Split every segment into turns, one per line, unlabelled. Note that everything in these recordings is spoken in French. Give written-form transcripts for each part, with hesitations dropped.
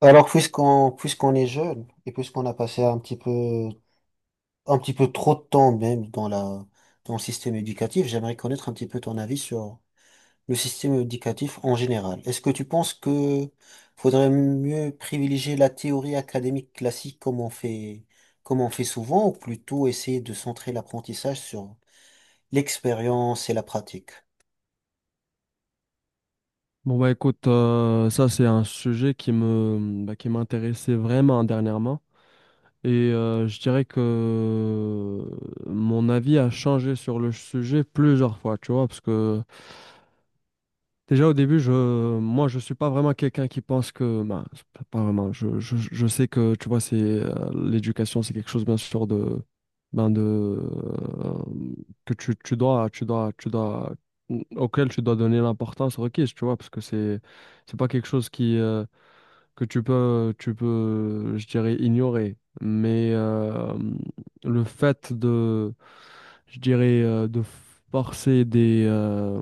Alors, puisqu'on est jeune et puisqu'on a passé un petit peu trop de temps même dans le système éducatif, j'aimerais connaître un petit peu ton avis sur le système éducatif en général. Est-ce que tu penses que faudrait mieux privilégier la théorie académique classique comme on fait souvent ou plutôt essayer de centrer l'apprentissage sur l'expérience et la pratique?
Bon bah écoute, ça c'est un sujet qui qui m'intéressait vraiment dernièrement et je dirais que mon avis a changé sur le sujet plusieurs fois, tu vois, parce que déjà au début, moi je suis pas vraiment quelqu'un qui pense que, ben, c'est pas vraiment. Je sais que tu vois, c'est l'éducation, c'est quelque chose bien sûr de, ben de euh, que tu dois, tu dois, tu dois auquel tu dois donner l'importance requise, tu vois, parce que c'est pas quelque chose qui, que tu peux, je dirais, ignorer. Mais le fait de, je dirais, de forcer des,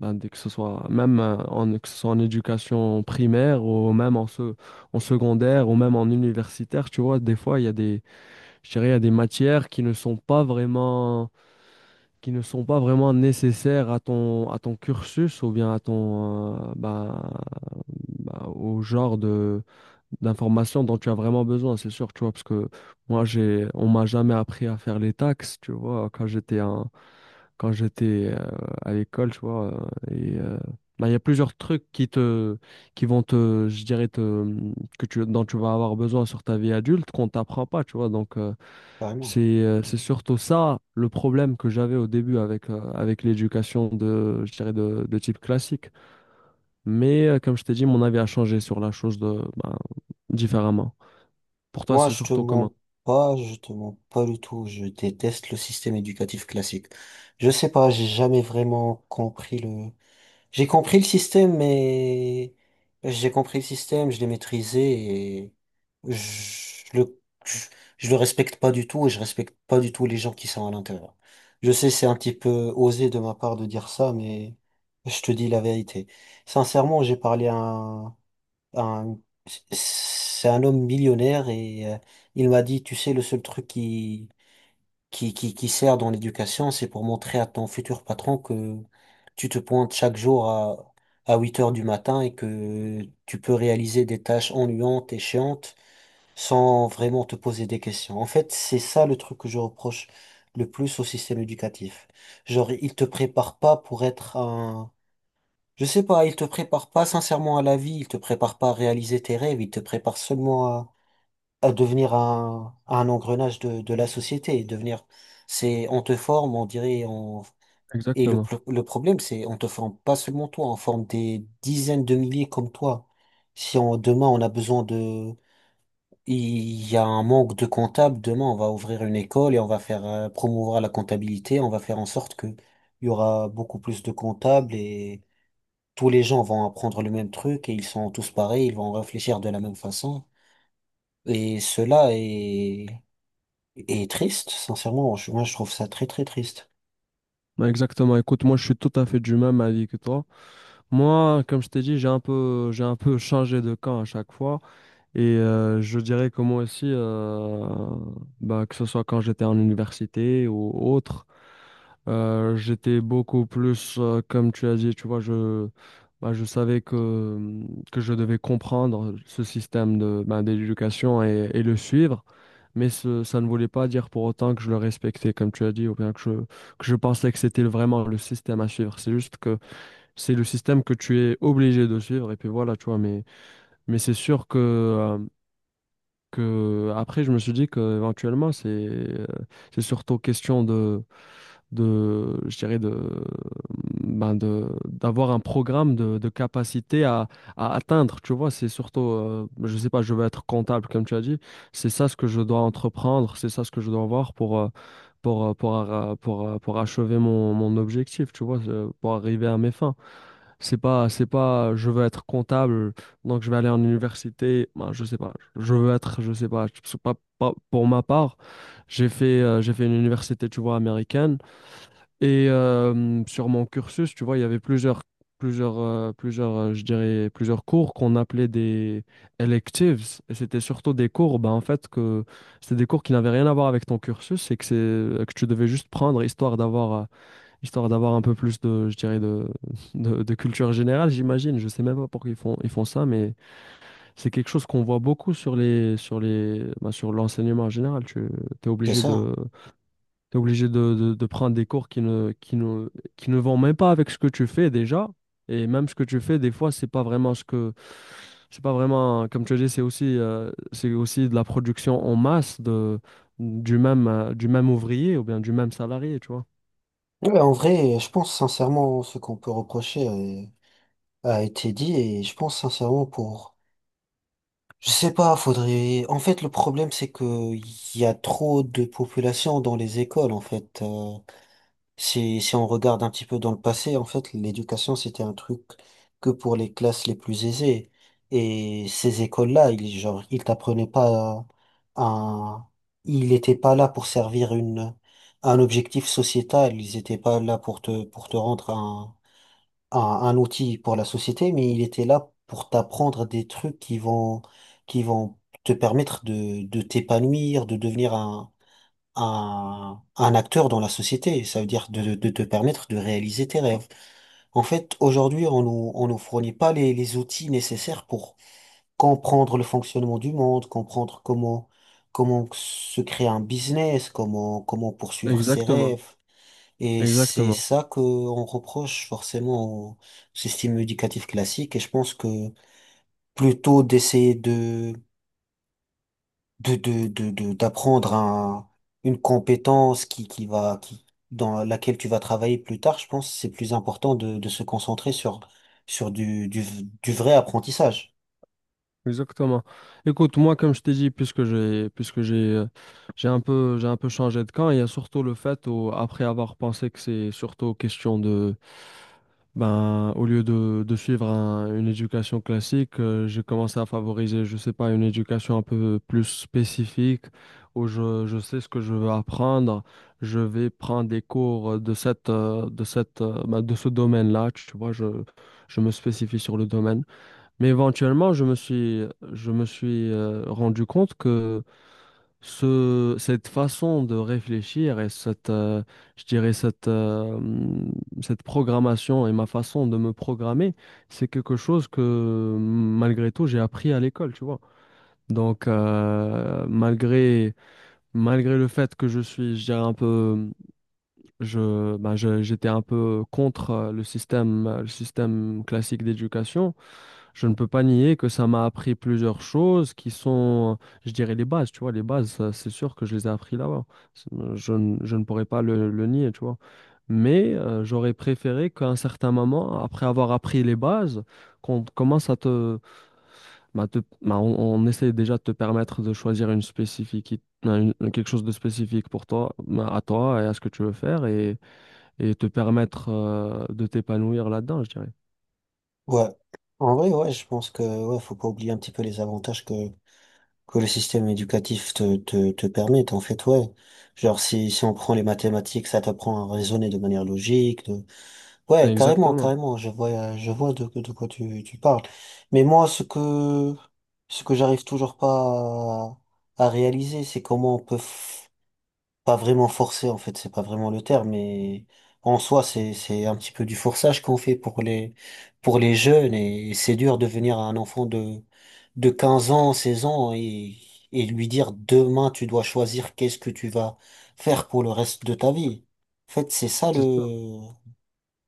ben, dès que ce soit, même que ce soit en éducation primaire ou même en secondaire ou même en universitaire, tu vois, des fois, il y a des, je dirais, il y a des matières qui ne sont pas vraiment, qui ne sont pas vraiment nécessaires à à ton cursus ou bien à ton, ben, ben, au genre de d'informations dont tu as vraiment besoin, c'est sûr, tu vois, parce que moi, on m'a jamais appris à faire les taxes, tu vois, quand j'étais à l'école, tu vois, et euh, ben, il y a plusieurs trucs qui te, qui vont te, je dirais que dont tu vas avoir besoin sur ta vie adulte qu'on t'apprend pas, tu vois, donc
Vraiment.
c'est surtout ça le problème que j'avais au début avec, avec l'éducation de, je dirais de type classique, mais comme je t'ai dit, mon avis a changé sur la chose de, ben, différemment. Pour toi,
Moi,
c'est
je te
surtout comment?
mens pas, je te mens pas du tout. Je déteste le système éducatif classique. Je sais pas, j'ai jamais vraiment compris le. J'ai compris le système, mais j'ai compris le système, je l'ai maîtrisé et je le je, je le respecte pas du tout et je respecte pas du tout les gens qui sont à l'intérieur. Je sais, c'est un petit peu osé de ma part de dire ça, mais je te dis la vérité. Sincèrement, j'ai parlé à un- c'est un homme millionnaire et il m'a dit, tu sais, le seul truc qui sert dans l'éducation, c'est pour montrer à ton futur patron que tu te pointes chaque jour à 8 heures du matin et que tu peux réaliser des tâches ennuyantes et chiantes sans vraiment te poser des questions. En fait, c'est ça le truc que je reproche le plus au système éducatif. Genre, il te prépare pas pour être je sais pas, il te prépare pas sincèrement à la vie, il te prépare pas à réaliser tes rêves, il te prépare seulement à devenir un engrenage de la société, et devenir, c'est, on te forme, on dirait, on, et le,
Exactement.
le problème, c'est, on te forme pas seulement toi, on forme des dizaines de milliers comme toi. Si on, demain, on a besoin de, il y a un manque de comptables, demain, on va ouvrir une école et on va faire promouvoir la comptabilité, on va faire en sorte que il y aura beaucoup plus de comptables et tous les gens vont apprendre le même truc et ils sont tous pareils, ils vont réfléchir de la même façon. Et cela est, Est triste, sincèrement. Moi, je trouve ça très, très triste.
Ouais, exactement. Écoute, moi, je suis tout à fait du même avis que toi. Moi, comme je t'ai dit, j'ai un peu changé de camp à chaque fois. Et je dirais que moi aussi, bah, que ce soit quand j'étais en université ou autre. J'étais beaucoup plus, comme tu as dit, tu vois, bah, je savais que je devais comprendre ce système de, ben, d'éducation et le suivre, mais ça ne voulait pas dire pour autant que je le respectais, comme tu as dit, ou bien que je pensais que c'était vraiment le système à suivre. C'est juste que c'est le système que tu es obligé de suivre, et puis voilà, tu vois, mais c'est sûr que après, je me suis dit que éventuellement c'est surtout question de, je dirais ben de, d'avoir un programme de capacité à atteindre, tu vois, c'est surtout, je sais pas, je veux être comptable, comme tu as dit, c'est ça ce que je dois entreprendre, c'est ça ce que je dois avoir pour, pour achever mon objectif, tu vois, pour arriver à mes fins. C'est pas, je veux être comptable, donc je vais aller en université, ben, je sais pas, je veux être, je sais pas, pour ma part, j'ai fait une université, tu vois, américaine, et sur mon cursus, tu vois, il y avait plusieurs, je dirais, plusieurs cours qu'on appelait des electives. Et c'était surtout des cours, ben, en fait, que c'était des cours qui n'avaient rien à voir avec ton cursus et que que tu devais juste prendre histoire d'avoir un peu plus de, je dirais, de, de culture générale, j'imagine. Je sais même pas pourquoi ils font ça, mais c'est quelque chose qu'on voit beaucoup sur les, ben, sur l'enseignement en général. Es
C'est
obligé
ça.
de Tu es obligé de prendre des cours qui ne vont même pas avec ce que tu fais déjà. Et même ce que tu fais, des fois, c'est pas vraiment ce que. C'est pas vraiment. Comme tu as dit, c'est aussi de la production en masse de, du même ouvrier ou bien du même salarié, tu vois.
Ouais, en vrai, je pense sincèrement ce qu'on peut reprocher a été dit et je pense sincèrement pour... Je sais pas, faudrait... En fait, le problème, c'est que il y a trop de population dans les écoles, en fait. Si, si on regarde un petit peu dans le passé, en fait, l'éducation, c'était un truc que pour les classes les plus aisées. Et ces écoles-là, ils, genre, ils t'apprenaient pas un, ils étaient pas là pour servir une, un objectif sociétal. Ils étaient pas là pour te rendre un, un outil pour la société, mais ils étaient là pour t'apprendre des trucs qui vont te permettre de t'épanouir, de devenir un acteur dans la société. Ça veut dire de te permettre de réaliser tes rêves. En fait, aujourd'hui, on nous fournit pas les, les outils nécessaires pour comprendre le fonctionnement du monde, comprendre comment, comment se créer un business, comment, comment poursuivre ses
Exactement,
rêves. Et c'est
exactement,
ça que on reproche forcément au système éducatif classique. Et je pense que plutôt d'essayer de d'apprendre un, une compétence qui va, qui, dans laquelle tu vas travailler plus tard, je pense, que c'est plus important de se concentrer sur, sur du vrai apprentissage.
exactement. Écoute, moi, comme je t'ai dit, puisque j'ai, j'ai un peu changé de camp, il y a surtout le fait, où, après avoir pensé que c'est surtout question de, ben, au lieu de suivre une éducation classique, j'ai commencé à favoriser, je sais pas, une éducation un peu plus spécifique où je sais ce que je veux apprendre. Je vais prendre des cours de ben, de ce domaine-là. Tu vois, je me spécifie sur le domaine. Mais éventuellement, je me suis rendu compte que cette façon de réfléchir et cette, je dirais cette, cette programmation et ma façon de me programmer, c'est quelque chose que malgré tout j'ai appris à l'école, tu vois. Donc malgré le fait que je suis, je dirais un peu, j'étais un peu contre le système classique d'éducation. Je ne peux pas nier que ça m'a appris plusieurs choses qui sont, je dirais, les bases, tu vois, les bases, ça, c'est sûr que je les ai appris là-bas. Je ne je ne pourrais pas le nier, tu vois. Mais j'aurais préféré qu'à un certain moment, après avoir appris les bases, qu'on commence à te- bah, on essaie déjà de te permettre de choisir une spécifique, quelque chose de spécifique pour toi, bah, à toi et à ce que tu veux faire et te permettre de t'épanouir là-dedans, je dirais.
Ouais. En vrai, ouais, je pense que, ouais, faut pas oublier un petit peu les avantages que le système éducatif te permet, en fait, ouais. Genre, si, si on prend les mathématiques, ça t'apprend à raisonner de manière logique. Ouais, carrément,
Exactement.
carrément, je vois de quoi tu, tu parles. Mais moi, ce que j'arrive toujours pas à, à réaliser, c'est comment pas vraiment forcer, en fait, c'est pas vraiment le terme, mais en soi, c'est un petit peu du forçage qu'on fait pour les jeunes et c'est dur de venir à un enfant de 15 ans, 16 ans et lui dire demain, tu dois choisir qu'est-ce que tu vas faire pour le reste de ta vie. En fait, c'est ça
C'est ça.
le,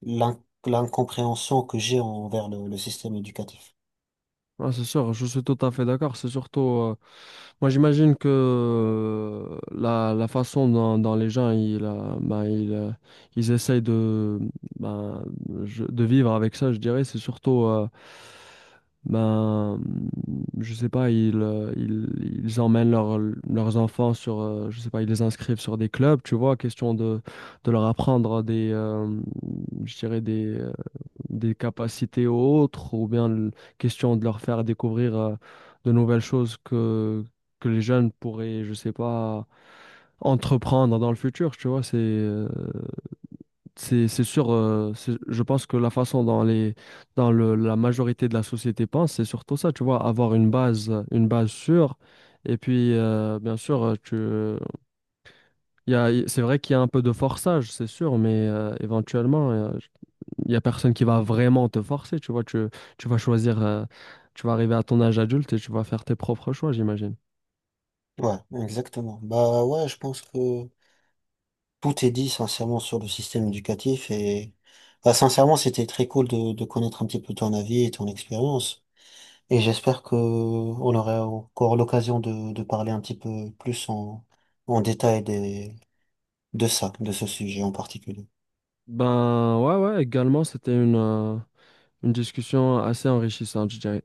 l'incompréhension que j'ai envers le système éducatif.
Ah, c'est sûr, je suis tout à fait d'accord. C'est surtout, moi j'imagine que la façon dont les gens ils essayent de, ben, de vivre avec ça, je dirais, c'est surtout, ben, je sais pas, ils emmènent leurs enfants sur, je sais pas, ils les inscrivent sur des clubs, tu vois, question de leur apprendre des, je dirais, des capacités autres, ou bien question de leur faire découvrir de nouvelles choses que les jeunes pourraient, je sais pas, entreprendre dans le futur, tu vois, c'est sûr, je pense que la façon dont les dans la majorité de la société pense, c'est surtout ça, tu vois, avoir une base sûre. Et puis, bien sûr, c'est vrai qu'il y a un peu de forçage, c'est sûr, mais éventuellement, il n'y a personne qui va vraiment te forcer, tu vois. Tu vas choisir, tu vas arriver à ton âge adulte et tu vas faire tes propres choix, j'imagine.
Ouais, exactement. Bah ouais, je pense que tout est dit sincèrement sur le système éducatif et bah, sincèrement, c'était très cool de connaître un petit peu ton avis et ton expérience. Et j'espère que on aura encore l'occasion de parler un petit peu plus en, en détail des, de ça, de ce sujet en particulier.
Ben ouais, ouais, également, c'était une discussion assez enrichissante, je dirais.